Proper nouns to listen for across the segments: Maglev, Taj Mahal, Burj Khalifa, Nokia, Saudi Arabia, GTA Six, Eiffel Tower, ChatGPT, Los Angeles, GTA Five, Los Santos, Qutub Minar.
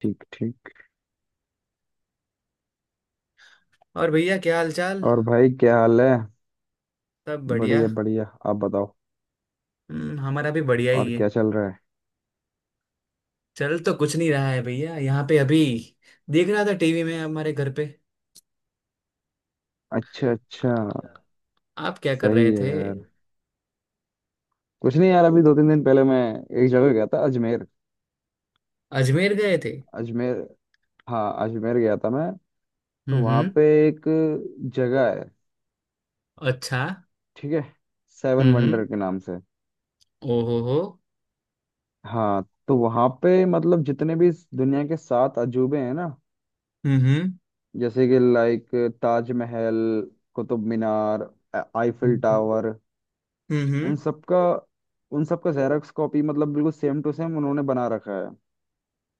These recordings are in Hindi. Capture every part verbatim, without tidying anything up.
ठीक ठीक। और भैया क्या हाल चाल। और भाई क्या हाल है। सब बढ़िया। बढ़िया बढ़िया, आप बताओ। हम्म, हमारा भी बढ़िया और ही है। क्या चल रहा है। चल तो कुछ नहीं रहा है भैया यहाँ पे अभी। देख रहा था टीवी में हमारे घर पे। अच्छा अच्छा। आ- आप क्या कर सही रहे है थे? यार। कुछ नहीं यार, अभी दो तीन दिन पहले मैं एक जगह गया था, अजमेर। अजमेर गए थे? अजमेर। हाँ, अजमेर गया था मैं। तो हम्म वहाँ हम्म। पे एक जगह है। अच्छा। ठीक है। Seven hmm wonder hmm. के नाम से। ओहो हो। हाँ। तो वहाँ पे मतलब जितने भी इस दुनिया के सात अजूबे हैं ना, हम्म जैसे कि लाइक ताजमहल, कुतुब मीनार, आ- आईफिल हम्म। टावर। हम्म हम्म। उन सबका, उन सबका जेरॉक्स कॉपी मतलब बिल्कुल सेम टू सेम उन्होंने बना रखा है।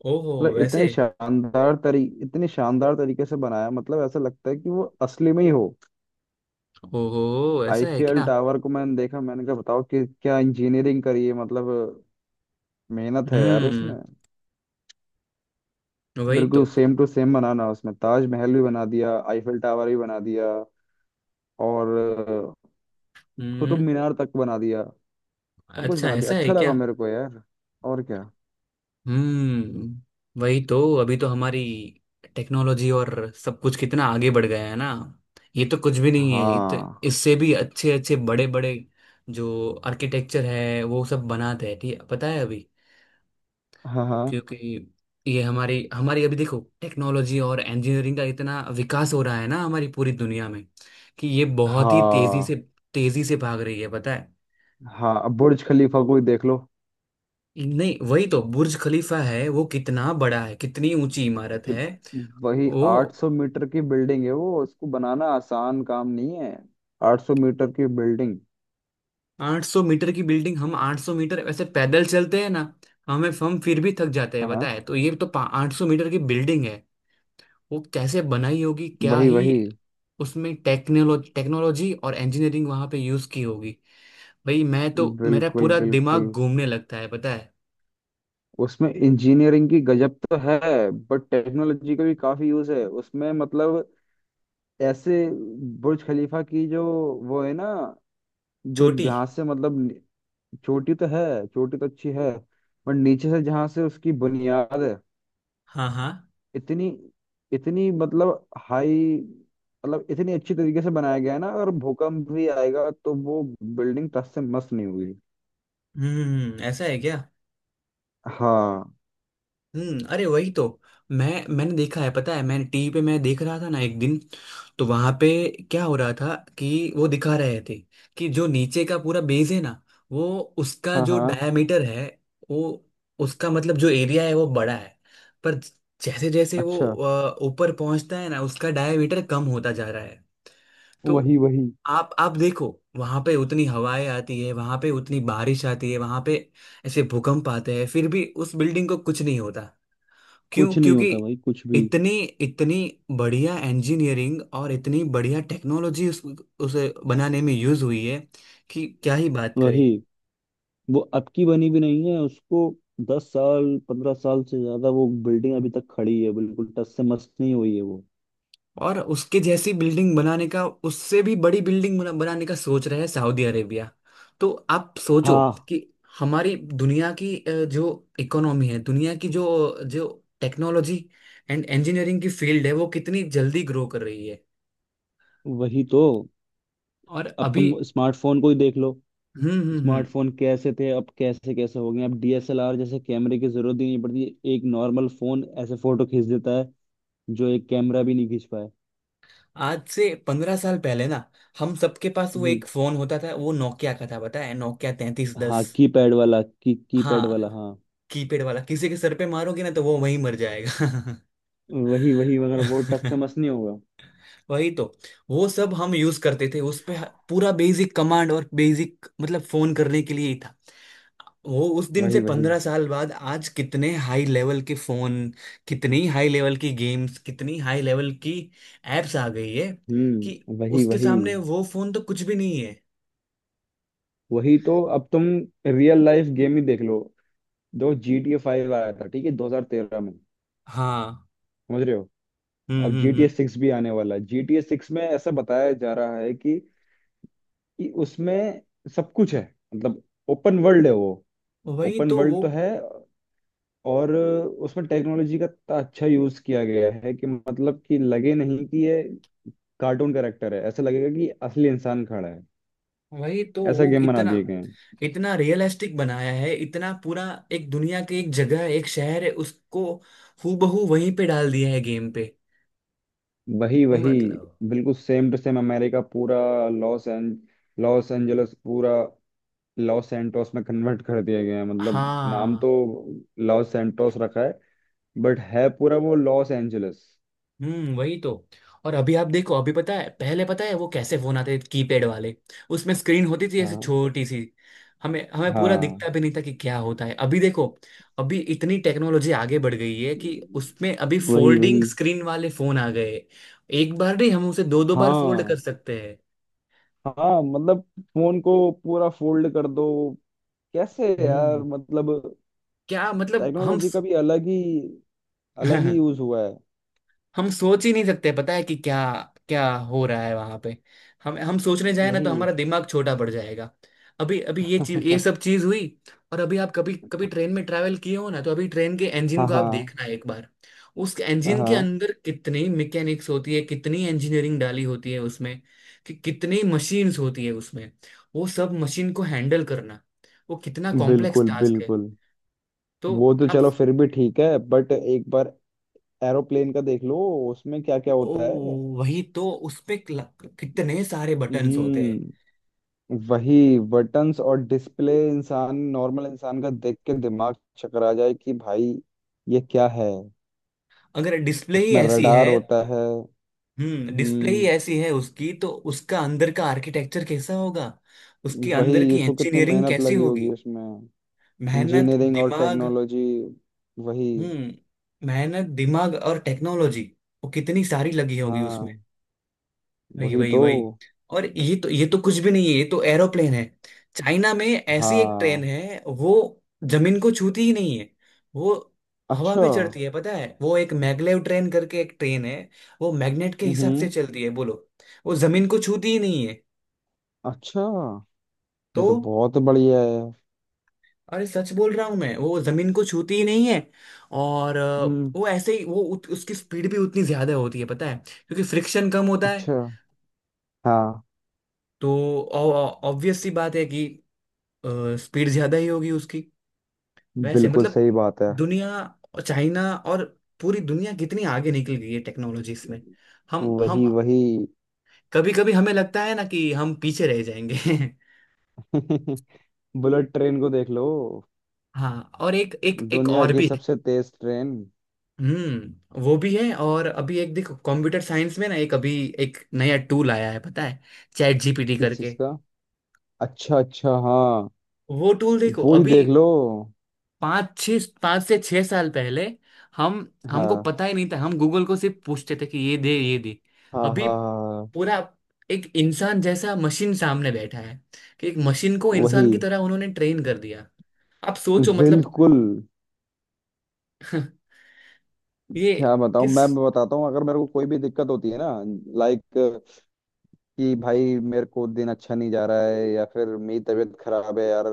ओहो मतलब वैसे। इतने शानदार तरी इतने शानदार तरीके से बनाया, मतलब ऐसा लगता है कि वो असली में ही हो। ओहो ऐसा है आईफीएल क्या? टावर को मैंने देखा, मैंने कहा बताओ कि क्या इंजीनियरिंग करी है मतलब। मेहनत है यार हम्म उसमें। वही बिल्कुल तो। सेम टू सेम बनाना, उसमें ताजमहल भी बना दिया, आईफीएल टावर भी बना दिया और अ, कुतुब हम्म। मीनार तक बना दिया। सब कुछ अच्छा बना दिया, ऐसा है अच्छा क्या? लगा मेरे को यार। और क्या। हम्म वही तो। अभी तो हमारी टेक्नोलॉजी और सब कुछ कितना आगे बढ़ गया है ना। ये तो कुछ भी नहीं है, इत, हाँ इससे भी अच्छे अच्छे बड़े बड़े जो आर्किटेक्चर है वो सब बनाते हैं। ठीक है पता है अभी? हाँ। हाँ क्योंकि ये हमारी हमारी अभी देखो टेक्नोलॉजी और इंजीनियरिंग का इतना विकास हो रहा है ना हमारी पूरी दुनिया में कि ये बहुत ही तेजी से हाँ। तेजी से भाग रही है पता है। हाँ, अब बुर्ज खलीफा को ही देख लो नहीं वही तो बुर्ज खलीफा है, वो कितना बड़ा है, कितनी ऊंची इमारत कि है। वही वो आठ सौ मीटर की बिल्डिंग है वो, उसको बनाना आसान काम नहीं है। आठ सौ मीटर की बिल्डिंग। आठ सौ मीटर की बिल्डिंग। हम आठ सौ मीटर वैसे पैदल चलते हैं ना, हमें हम फिर भी थक जाते हैं, हाँ। बताए तो ये तो आठ सौ मीटर की बिल्डिंग है। वो कैसे बनाई होगी, क्या वही ही। वही। उसमें टेक्नोलॉजी टेक्नोलॉजी और इंजीनियरिंग वहां पे यूज की होगी। भाई मैं तो, मेरा बिल्कुल पूरा बिल्कुल। दिमाग घूमने लगता है पता है। उसमें इंजीनियरिंग की गजब तो है, बट टेक्नोलॉजी का भी काफी यूज है उसमें मतलब। ऐसे बुर्ज खलीफा की जो वो है ना, जो छोटी। जहाँ से मतलब नि- चोटी तो है, चोटी तो अच्छी है, पर नीचे से जहाँ से उसकी बुनियाद है, हाँ हाँ। इतनी इतनी मतलब हाई, मतलब इतनी अच्छी तरीके से बनाया गया है ना, अगर भूकंप भी आएगा तो वो बिल्डिंग टस से मस नहीं हुई। हम्म ऐसा है क्या? हाँ हम्म अरे वही तो। मैं मैंने देखा है पता है, मैंने टीवी पे मैं देख रहा था ना एक दिन, तो वहां पे क्या हो रहा था कि वो दिखा रहे थे कि जो नीचे का पूरा बेस है ना, वो उसका हाँ जो हाँ। डायमीटर है, वो उसका मतलब जो एरिया है वो बड़ा है। पर जैसे जैसे वो अच्छा। अ, ऊपर पहुंचता है ना उसका डायमीटर कम होता जा रहा है। तो वही वही। आप आप देखो, वहां पे उतनी हवाएं आती है, वहां पे उतनी बारिश आती है, वहां पे ऐसे भूकंप आते हैं, फिर भी उस बिल्डिंग को कुछ नहीं होता। क्यों? कुछ नहीं क्योंकि होता भाई, कुछ भी। इतनी इतनी बढ़िया इंजीनियरिंग और इतनी बढ़िया टेक्नोलॉजी उस, उसे बनाने में यूज हुई है कि क्या ही बात करें। वही, वो अब की बनी भी नहीं है उसको, दस साल पंद्रह साल से ज्यादा वो बिल्डिंग अभी तक खड़ी है, बिल्कुल टस से मस नहीं हुई है वो। और उसके जैसी बिल्डिंग बनाने का, उससे भी बड़ी बिल्डिंग बना, बनाने का सोच रहा है सऊदी अरेबिया। तो आप सोचो हाँ कि हमारी दुनिया की अ, जो इकोनॉमी है, दुनिया की जो जो टेक्नोलॉजी एंड इंजीनियरिंग की फील्ड है वो कितनी जल्दी ग्रो कर रही है। वही तो, और अब अभी। तुम स्मार्टफोन को ही देख लो। हम्म हम्म हम्म। स्मार्टफोन कैसे थे, अब कैसे कैसे हो गए, अब डी एस एल आर जैसे कैमरे की जरूरत ही नहीं पड़ती। एक नॉर्मल फोन ऐसे फोटो खींच देता है जो एक कैमरा भी नहीं खींच पाए। आज से पंद्रह साल पहले ना, हम सबके पास वो हम्म। एक फोन होता था, वो नोकिया का था पता है, नोकिया तैतीस हाँ, दस की पैड वाला की की पैड हाँ। वाला, हाँ। कीपैड वाला किसी के सर पे मारोगे ना तो वो वहीं मर जाएगा। वही वही मगर वो टच से मस नहीं होगा। वही तो, वो सब हम यूज करते थे उस पे, ह- पूरा बेसिक कमांड और बेसिक मतलब फोन करने के लिए ही था वो। उस दिन से वही वही। पंद्रह साल बाद आज कितने हाई लेवल के फोन, कितनी हाई लेवल की गेम्स, कितनी हाई लेवल की एप्स आ गई है कि हम्म वही उसके वही। सामने वो फोन तो कुछ भी नहीं है। वही तो अब तुम रियल लाइफ गेम ही देख लो। जो जी टी ए फाइव आया था, ठीक है, दो हजार तेरह में। हाँ। समझ रहे हो। हम्म अब G hmm T A hmm. Six भी आने वाला है, जी टी ए सिक्स में ऐसा बताया जा रहा है कि कि उसमें सब कुछ है मतलब, ओपन वर्ल्ड है वो। वही ओपन तो वर्ल्ड वो, तो है और उसमें टेक्नोलॉजी का इतना अच्छा यूज किया गया है कि मतलब कि लगे नहीं कि ये कार्टून कैरेक्टर है, ऐसा लगेगा कि असली इंसान खड़ा है। वही तो ऐसा वो गेम बना इतना, दिए गए हैं। इतना रियलिस्टिक बनाया है, इतना पूरा, एक दुनिया की एक जगह है, एक शहर है, उसको हूबहू वहीं पे डाल दिया है गेम पे। वही वही। मतलब। बिल्कुल सेम टू सेम, अमेरिका पूरा, लॉस एंज लॉस एंजलस पूरा लॉस सैंटोस में कन्वर्ट कर दिया गया है, मतलब नाम हाँ। तो लॉस सैंटोस रखा है बट है पूरा वो लॉस एंजलस। हम्म वही तो, और अभी आप देखो अभी पता है, पहले पता है वो कैसे फोन आते थे, कीपैड वाले, उसमें स्क्रीन होती थी ऐसे हाँ छोटी सी। हमें हमें पूरा हाँ। दिखता भी नहीं था कि क्या होता है, अभी देखो, अभी इतनी टेक्नोलॉजी आगे बढ़ गई है कि उसमें अभी वही फोल्डिंग वही। स्क्रीन वाले फोन आ गए। एक बार नहीं, हम उसे दो दो बार फोल्ड हाँ कर सकते हैं। हाँ मतलब फोन को पूरा फोल्ड कर दो, कैसे यार हम्म। मतलब, क्या मतलब हम टेक्नोलॉजी स... का भी अलग ही अलग ही यूज हुआ है। हम सोच ही नहीं सकते पता है कि क्या क्या हो रहा है वहां पे। हम हम सोचने जाए ना तो वही। हमारा दिमाग छोटा पड़ जाएगा। अभी अभी ये चीज, ये सब चीज हुई। और अभी आप कभी कभी ट्रेन में ट्रैवल किए हो ना, तो अभी ट्रेन के इंजन हाँ को आप हाँ देखना एक बार। उस इंजन के हाँ। अंदर कितनी मैकेनिक्स होती है, कितनी इंजीनियरिंग डाली होती है उसमें, कि कितनी मशीन्स होती है उसमें। वो सब मशीन को हैंडल करना, वो कितना कॉम्प्लेक्स बिल्कुल टास्क है। बिल्कुल। तो वो तो आप। चलो फिर भी ठीक है बट एक बार एरोप्लेन का देख लो। उसमें क्या क्या ओ, होता है। वही तो उसपे कितने सारे बटन्स होते हैं। हम्म। वही बटन्स और डिस्प्ले इंसान, नॉर्मल इंसान का देख के दिमाग चकरा जाए कि भाई ये क्या है। अगर डिस्प्ले ही उसमें ऐसी रडार है, होता है। हम्म, डिस्प्ले ही हम्म। ऐसी है उसकी, तो उसका अंदर का आर्किटेक्चर कैसा होगा, उसके अंदर वही, की इसको कितनी इंजीनियरिंग मेहनत कैसी लगी होगी। होगी उसमें, मेहनत इंजीनियरिंग और दिमाग। टेक्नोलॉजी। वही। हम्म, मेहनत दिमाग और टेक्नोलॉजी वो कितनी सारी लगी होगी। हाँ वही वही वही तो। वही। और ये तो ये तो कुछ भी नहीं है, ये तो एरोप्लेन है। चाइना में ऐसी एक ट्रेन हाँ। है, वो जमीन को छूती ही नहीं है, वो हवा अच्छा। में चढ़ती है पता है, वो एक मैगलेव ट्रेन करके एक ट्रेन है, वो मैग्नेट के हिसाब से हम्म। चलती है बोलो, वो जमीन को छूती ही नहीं है। अच्छा। तो ये तो बहुत बढ़िया है। अरे सच बोल रहा हूं मैं, वो जमीन को छूती ही नहीं है। और अ, हम्म। वो ऐसे ही, वो उत, उसकी स्पीड भी उतनी ज्यादा होती है पता है क्योंकि फ्रिक्शन कम होता है। अच्छा हाँ। तो ऑब्वियस सी बात है कि स्पीड ज्यादा ही होगी उसकी। वैसे बिल्कुल मतलब सही बात है। दुनिया, चाइना और पूरी दुनिया कितनी आगे निकल गई है टेक्नोलॉजीज में। हम हम वही वही। कभी कभी हमें लगता है ना कि हम पीछे रह जाएंगे। बुलेट ट्रेन को देख लो, हाँ और एक एक एक दुनिया और की भी है। सबसे तेज ट्रेन। हम्म वो भी है। और अभी एक देखो कंप्यूटर साइंस में ना, एक अभी एक नया टूल आया है पता है, चैट जीपीटी किस करके। चीज का। अच्छा अच्छा हाँ। वो टूल देखो वो ही अभी, देख लो। पाँच छः पाँच से छः साल पहले हम हमको हाँ पता ही नहीं था, हम गूगल को सिर्फ पूछते थे कि ये दे ये दे। हाँ हाँ अभी हाँ। पूरा एक इंसान जैसा मशीन सामने बैठा है कि एक मशीन को वही। इंसान की तरह उन्होंने ट्रेन कर दिया। आप सोचो मतलब। बिल्कुल। ये क्या बताऊं किस? मैं मैं बताता हूँ, अगर मेरे को कोई भी दिक्कत होती है ना, लाइक कि भाई मेरे को दिन अच्छा नहीं जा रहा है या फिर मेरी तबीयत खराब है यार,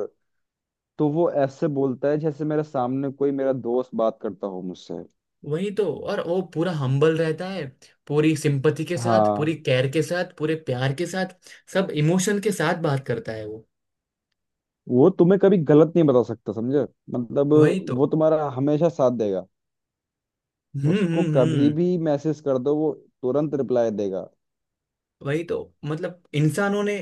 तो वो ऐसे बोलता है जैसे मेरे सामने कोई मेरा दोस्त बात करता हो मुझसे। वही तो, और वो पूरा हम्बल रहता है, पूरी सिंपथी के साथ, पूरी हाँ। केयर के साथ, पूरे प्यार के साथ, सब इमोशन के साथ बात करता है वो। वो तुम्हें कभी गलत नहीं बता सकता समझे, मतलब वही तो। वो तुम्हारा हमेशा साथ देगा। हम्म उसको हम्म कभी हम्म। भी मैसेज कर दो, वो तुरंत रिप्लाई देगा। वही तो मतलब इंसानों ने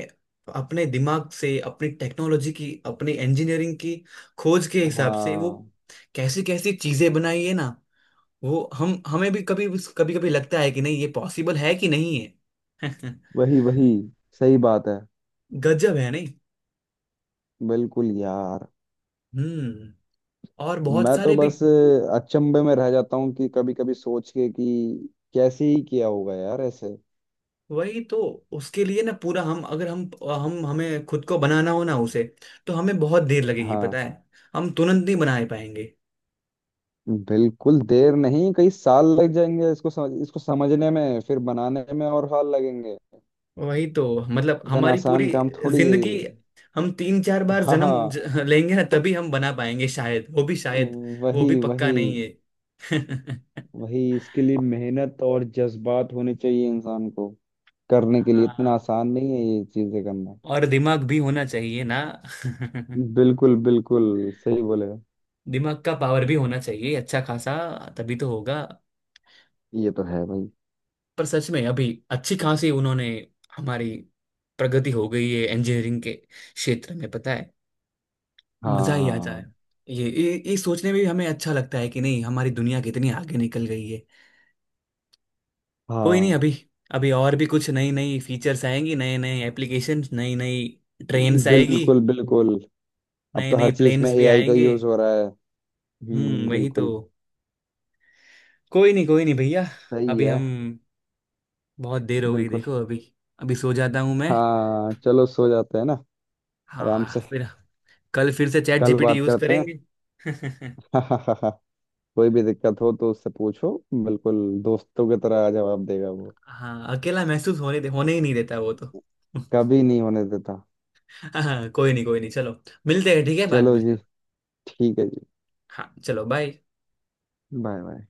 अपने दिमाग से, अपनी टेक्नोलॉजी की, अपनी इंजीनियरिंग की खोज के हिसाब से वो हाँ। कैसी कैसी चीजें बनाई है ना। वो हम, हमें भी कभी कभी कभी लगता है कि नहीं ये पॉसिबल है कि नहीं है। वही वही, सही बात है। गजब है नहीं। बिल्कुल यार। हम्म और बहुत मैं तो सारे भी। बस अचंभे में रह जाता हूँ कि कभी कभी सोच के कि कैसे ही किया होगा यार ऐसे। वही तो उसके लिए ना पूरा हम, अगर हम हम हमें खुद को बनाना हो ना उसे तो हमें बहुत देर लगेगी हाँ। पता है। हम तुरंत नहीं बना पाएंगे। बिल्कुल, देर नहीं कई साल लग जाएंगे इसको समझ इसको समझने में, फिर बनाने में और साल लगेंगे। वही तो मतलब इतना हमारी पूरी आसान काम थोड़ी है जिंदगी, ये। हम तीन चार बार हाँ जन्म हाँ। ज- लेंगे ना तभी हम बना पाएंगे शायद, वो भी शायद, वो वही भी पक्का वही नहीं है। वही, इसके लिए मेहनत और जज्बात होने चाहिए इंसान को करने के लिए, इतना हाँ आसान नहीं है ये चीजें करना। और दिमाग भी होना चाहिए ना। बिल्कुल बिल्कुल। सही बोले। दिमाग का पावर भी होना चाहिए अच्छा खासा, तभी तो होगा। ये तो है भाई। पर सच में अभी अच्छी खासी उन्होंने हमारी प्रगति हो गई है इंजीनियरिंग के क्षेत्र में पता है। हाँ मजा ही आ हाँ जाए। ये ये ये सोचने में भी हमें अच्छा लगता है कि नहीं हमारी दुनिया कितनी आगे निकल गई है। कोई नहीं, हाँ। अभी अभी और भी कुछ नई नई फीचर्स आएंगी, नए नए एप्लीकेशंस, नई नई ट्रेन्स आएगी, बिल्कुल बिल्कुल। अब नए तो नए हर चीज में प्लेन्स भी ए आई का आएंगे। यूज हो रहा है। हम्म हम्म वही तो। बिल्कुल। कोई नहीं कोई नहीं भैया, सही अभी है। हम, बहुत देर हो गई बिल्कुल। देखो अभी, अभी सो जाता हूँ मैं। हाँ चलो सो जाते हैं ना, आराम हाँ से। फिर कल फिर से चैट कल जीपीटी बात यूज करते हैं। करेंगे। कोई भी दिक्कत हो तो उससे पूछो। बिल्कुल। दोस्तों की तरह जवाब देगा वो। हाँ अकेला महसूस होने दे, होने ही नहीं देता वो तो। कभी नहीं होने देता। हाँ कोई नहीं कोई नहीं चलो, मिलते हैं ठीक है बाद चलो में। जी, ठीक है जी। हाँ चलो बाय। Bye bye.